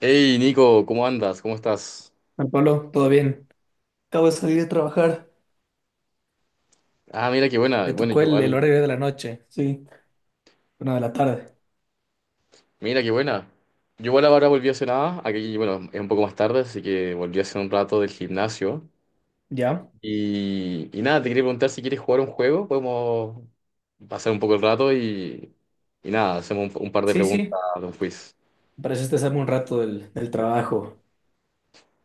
Hey Nico, ¿cómo andas? ¿Cómo estás? Juan Pablo, todo bien. Acabo de salir de trabajar. Ah, mira qué buena. Me Bueno, tocó yo el igual. horario de la noche, sí, una de la tarde. Mira qué buena. Yo igual ahora volví hace nada. Aquí, bueno, es un poco más tarde, así que volví hace un rato del gimnasio. ¿Ya? Y nada, te quería preguntar si quieres jugar un juego. Podemos pasar un poco el rato y nada, hacemos un par de Sí, preguntas sí. de un quiz. Pareciste salirme un rato del trabajo.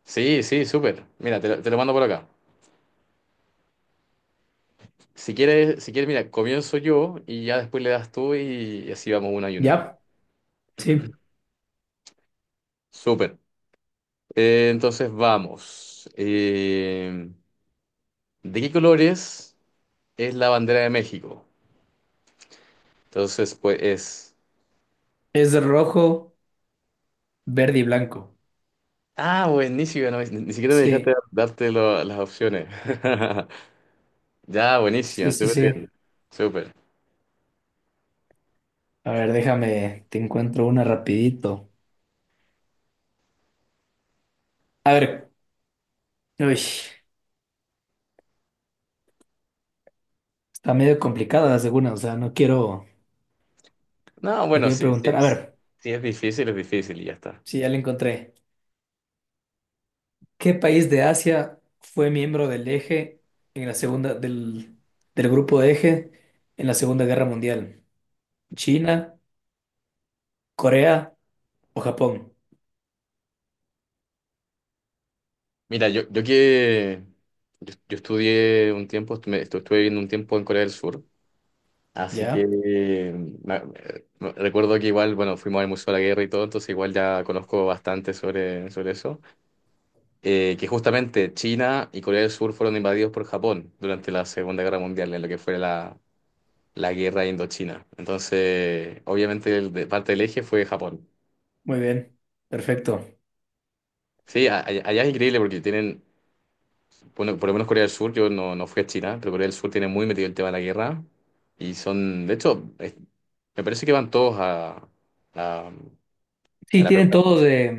Sí, sí, súper. Mira, te lo mando por acá. Si quieres, si quieres, mira, comienzo yo y ya después le das tú y así vamos una y una. ¿Ya? Sí. Súper. Entonces vamos. ¿De qué colores es la bandera de México? Entonces, pues es... Es de rojo, verde y blanco. Ah, buenísimo, no, ni siquiera me Sí, dejaste darte las opciones. Ya, buenísimo, sí, sí, súper sí. bien, súper. A ver, déjame, te encuentro una rapidito. A ver, uy, está medio complicada la segunda, o sea, no quiero, No, no bueno, quiero preguntar. A ver, sí es difícil y ya está. sí, ya la encontré. ¿Qué país de Asia fue miembro del eje en la segunda del, del grupo de eje en la Segunda Guerra Mundial? ¿China, Corea o Japón? Mira, yo que... yo estudié un tiempo, estuve viviendo un tiempo en Corea del Sur. Así que ¿Ya? Me- recuerdo que igual, bueno, fuimos al Museo de la Guerra y todo, entonces igual ya conozco bastante sobre eso. Que justamente China y Corea del Sur fueron invadidos por Japón durante la Segunda Guerra Mundial, en lo que fue la Guerra Indochina. Entonces, obviamente, parte del eje fue Japón. Muy bien. Perfecto. Sí, allá es increíble porque tienen, bueno, por lo menos Corea del Sur, yo no, no fui a China, pero Corea del Sur tiene muy metido el tema de la guerra y son, de hecho, me parece que van todos a a Sí, la tienen preparación. todos eh,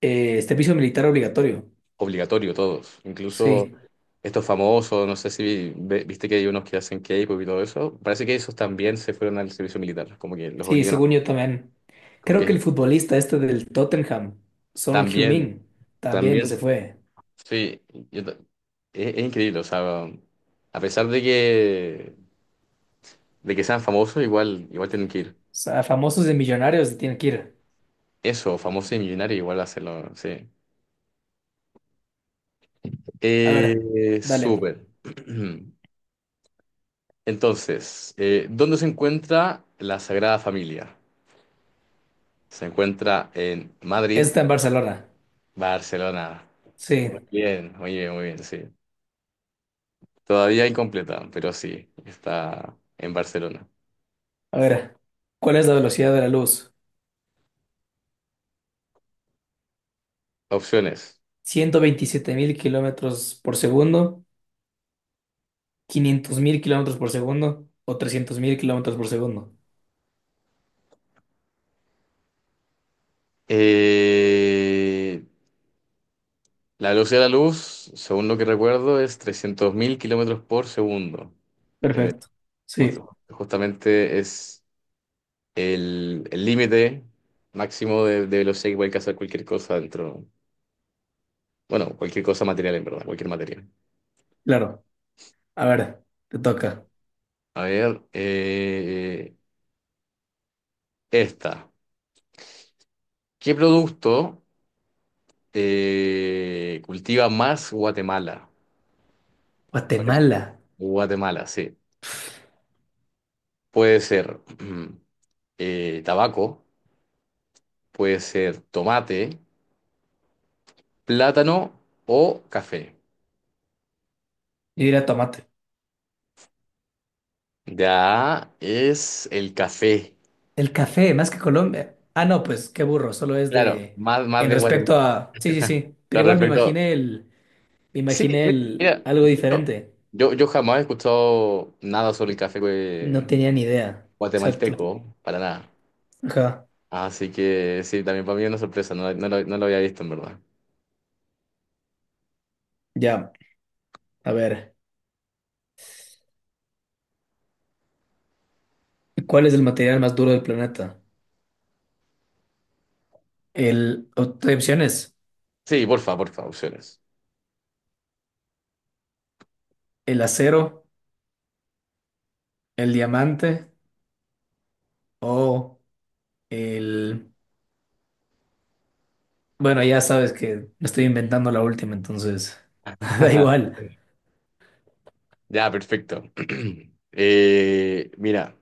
eh, este servicio militar obligatorio. Obligatorio todos. Incluso Sí, estos famosos, no sé si viste que hay unos que hacen K-pop y todo eso. Parece que esos también se fueron al servicio militar. Como que los sí, obligan a... según yo también. Como Creo que que el futbolista este del Tottenham, Son también, Heung-min, también también, se fue. sí. yo ta- es increíble. O sea, a pesar de de que sean famosos, igual, igual tienen que ir. O sea, famosos de millonarios se tienen que ir. Eso, famoso y millonario, igual hacerlo, sí. A ver, Eh, dale. súper. Entonces, ¿dónde se encuentra la Sagrada Familia? Se encuentra en Madrid, Está en Barcelona. Barcelona. Muy Sí. bien, muy bien, muy bien, sí. Todavía incompleta, pero sí, está en Barcelona. A ver, ¿cuál es la velocidad de la luz? Opciones. ¿127.000 kilómetros por segundo? ¿500.000 kilómetros por segundo? ¿O 300.000 kilómetros por segundo? Eh, la velocidad de la luz, según lo que recuerdo, es 300.000 km/s. Perfecto. Just- Sí, Justamente es el límite máximo de velocidad que puede alcanzar cualquier cosa dentro. Bueno, cualquier cosa material, en verdad, cualquier material. claro. A ver, te toca. A ver, esta. ¿Qué producto cultiva más Guatemala? Pues, Guatemala. Guatemala, sí. Puede ser tabaco, puede ser tomate, plátano o café. Yo diría tomate. Ya es el café. El café, más que Colombia. Ah, no, pues qué burro, solo es Claro, de... más, más En de Guatemala. respecto a... Sí, sí, sí. Pero Al igual me respecto, imaginé el... Me sí, imaginé mira, el mira, algo de hecho, diferente. Yo jamás he escuchado nada sobre el café No tenía ni idea. Exacto. guatemalteco, para nada. Ajá. Así que sí, también para mí es una sorpresa, no, no lo había visto en verdad. Ya. A ver, ¿cuál es el material más duro del planeta? Hay opciones, Sí, porfa, porfa, opciones. el acero, el diamante o el... Bueno, ya sabes que me estoy inventando la última, entonces da igual. Ya, perfecto. Eh, mira,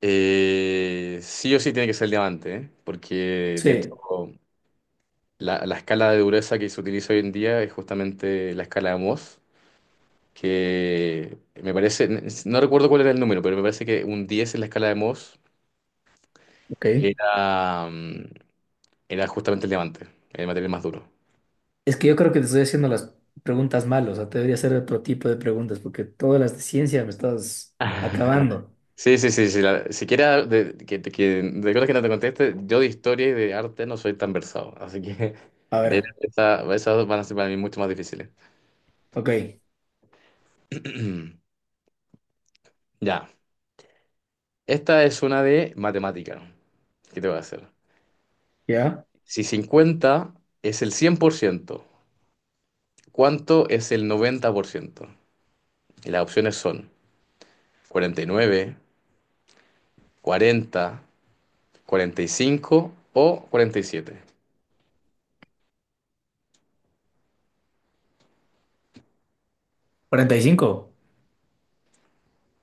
sí o sí tiene que ser diamante, ¿eh? Porque de hecho Sí, la escala de dureza que se utiliza hoy en día es justamente la escala de Mohs, que me parece, no recuerdo cuál era el número, pero me parece que un 10 en la escala de Mohs ok. era, era justamente el diamante, el material más duro. Es que yo creo que te estoy haciendo las preguntas mal, o sea, te debería hacer otro tipo de preguntas porque todas las de ciencia me estás acabando. Sí, sí, sí, sí. Siquiera de, de cosas que no te conteste, yo de historia y de arte no soy tan versado. Así que A ver, esas dos van a ser para mí mucho más difíciles. ok, Ya. Esta es una de matemática. ¿Qué te voy a hacer? ¿ya? Si cincuenta es el 100%, ¿cuánto es el 90%? Y las opciones son cuarenta nueve, cuarenta cuarenta y cinco o cuarenta y siete. ¿45?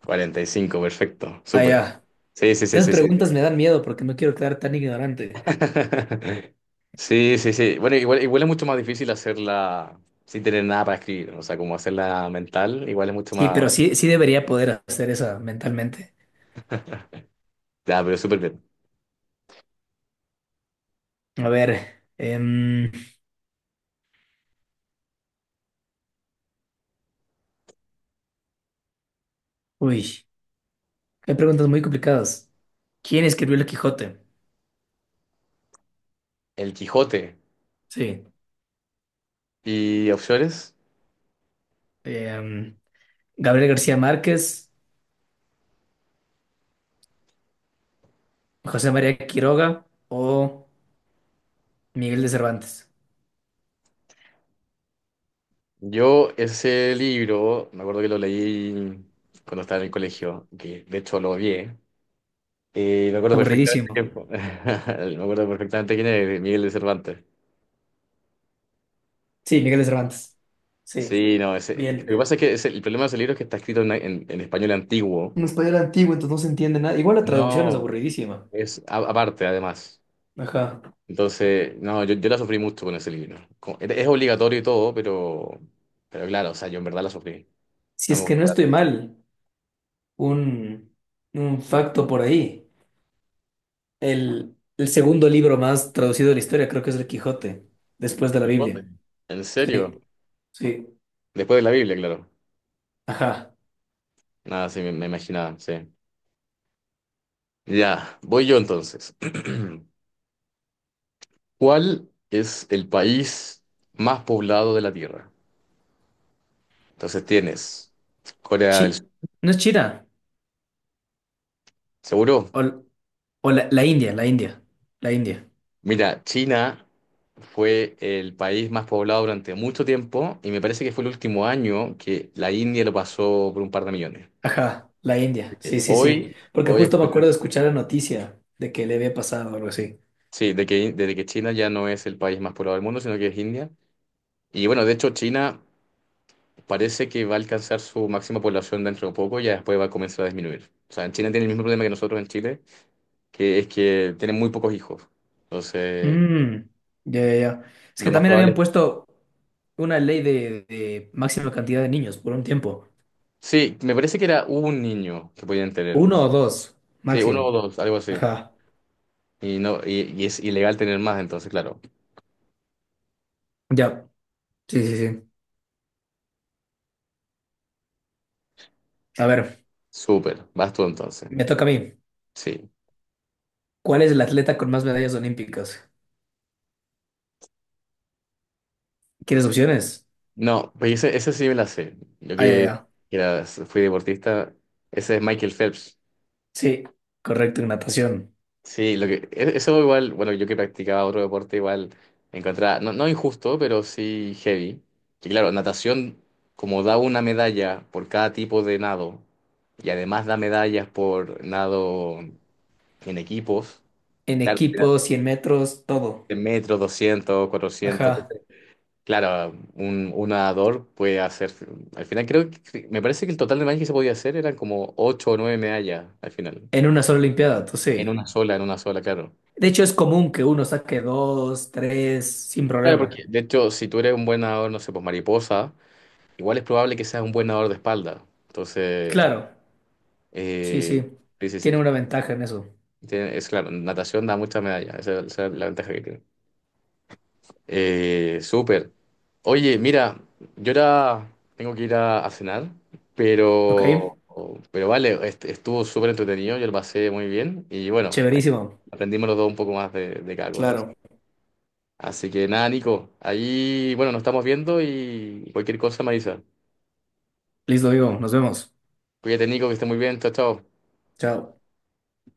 Cuarenta y cinco, perfecto. Ah, Súper. ya. Sí, sí, sí, Esas sí, sí. preguntas me dan miedo porque no quiero quedar tan ignorante. Sí, sí, sí. Bueno, igual, igual es mucho más difícil hacerla sin tener nada para escribir, ¿no? O sea, como hacerla mental, igual es mucho Sí, más... pero sí, sí debería poder hacer eso mentalmente. Ya, pero súper bien. A ver, uy, hay preguntas muy complicadas. ¿Quién escribió El Quijote? El Quijote Sí. y opciones. em, Gabriel García Márquez, José María Quiroga o Miguel de Cervantes. Yo ese libro, me acuerdo que lo leí cuando estaba en el colegio, que de hecho lo odié. Y me acuerdo perfectamente Aburridísimo. quién fue. Me acuerdo perfectamente quién es Miguel de Cervantes. Sí, Miguel de Cervantes. Sí, Sí, no, ese, lo bien. que pasa es que el problema de ese libro es que está escrito en español antiguo. Un español antiguo, entonces no se entiende nada. Igual la traducción es No, aburridísima. es aparte, además. Ajá. Entonces, no, yo la sufrí mucho con ese libro. Es obligatorio y todo, pero claro, o sea, yo en verdad la sufrí. Si No es me que gustó no para estoy mal, un, un facto por ahí. El segundo libro más traducido de la historia creo que es el Quijote, después el de la Quijote. Biblia. ¿En serio? Sí, sí, Después de la Biblia, claro. ajá. Nada, sí, me imaginaba, sí. Ya, voy yo entonces. ¿Cuál es el país más poblado de la Tierra? Entonces tienes Corea Chi, del Sur. no es China, ¿Seguro? o, o la India, la India, la India. Mira, China fue el país más poblado durante mucho tiempo y me parece que fue el último año que la India lo pasó por un par de millones. Ajá, la India, sí, Así. sí, sí. Hoy, Porque hoy justo me acuerdo actualmente- de escuchar la noticia de que le había pasado algo así. sí, de que, desde que China ya no es el país más poblado del mundo, sino que es India. Y bueno, de hecho China parece que va a alcanzar su máxima población dentro de poco y ya después va a comenzar a disminuir. O sea, en China tiene el mismo problema que nosotros en Chile, que es que tienen muy pocos hijos. Entonces, Mm, ya, ya, ya. Es lo que más también habían probable... puesto una ley de máxima cantidad de niños por un tiempo. Sí, me parece que era un niño que podían tener. Uno o dos, Sí, máximo. uno o dos, algo así. Ajá, Y no, y es ilegal tener más, entonces, claro. ya, sí, sí, sí. A ver. Súper, vas tú entonces. Me toca a mí. Sí. ¿Cuál es el atleta con más medallas olímpicas? ¿Quieres opciones? No, pues ese sí me la sé. Yo Ah, ya, que ya. era, fui deportista, ese es Michael Phelps. Sí, correcto, en natación. Sí, lo que, eso igual, bueno, yo que practicaba otro deporte igual encontraba, no, no injusto, pero sí heavy. Que claro, natación, como da una medalla por cada tipo de nado, y además da medallas por nado en equipos, En claro, era equipo, 100 metros, todo. de metros, 200, 400 Ajá. Claro, un nadador puede hacer. Al final, creo que. Me parece que el total de medallas que se podía hacer eran como 8 o 9 medallas al final. En una sola olimpiada, tú sí. En una sola, claro. De hecho, es común que uno saque dos, tres, sin Claro, problema. porque de hecho, si tú eres un buen nadador, no sé, pues mariposa, igual es probable que seas un buen nadador de espalda. Entonces, Claro, sí, eh, sí. sí, sí, Tiene sí. una ventaja en eso. Es claro, natación da muchas medallas. Esa es la ventaja que tiene. Súper. Oye, mira, yo ahora tengo que ir a cenar, ¿Ok? pero, pero vale, estuvo súper entretenido, yo lo pasé muy bien y bueno, ahí Chéverísimo. aprendimos los dos un poco más de cada cosa. Así. Claro. Así que nada, Nico, ahí, bueno, nos estamos viendo y cualquier cosa me avisa. Listo, digo. Nos vemos. Cuídate, Nico, que esté muy bien, chao, chao. Chao.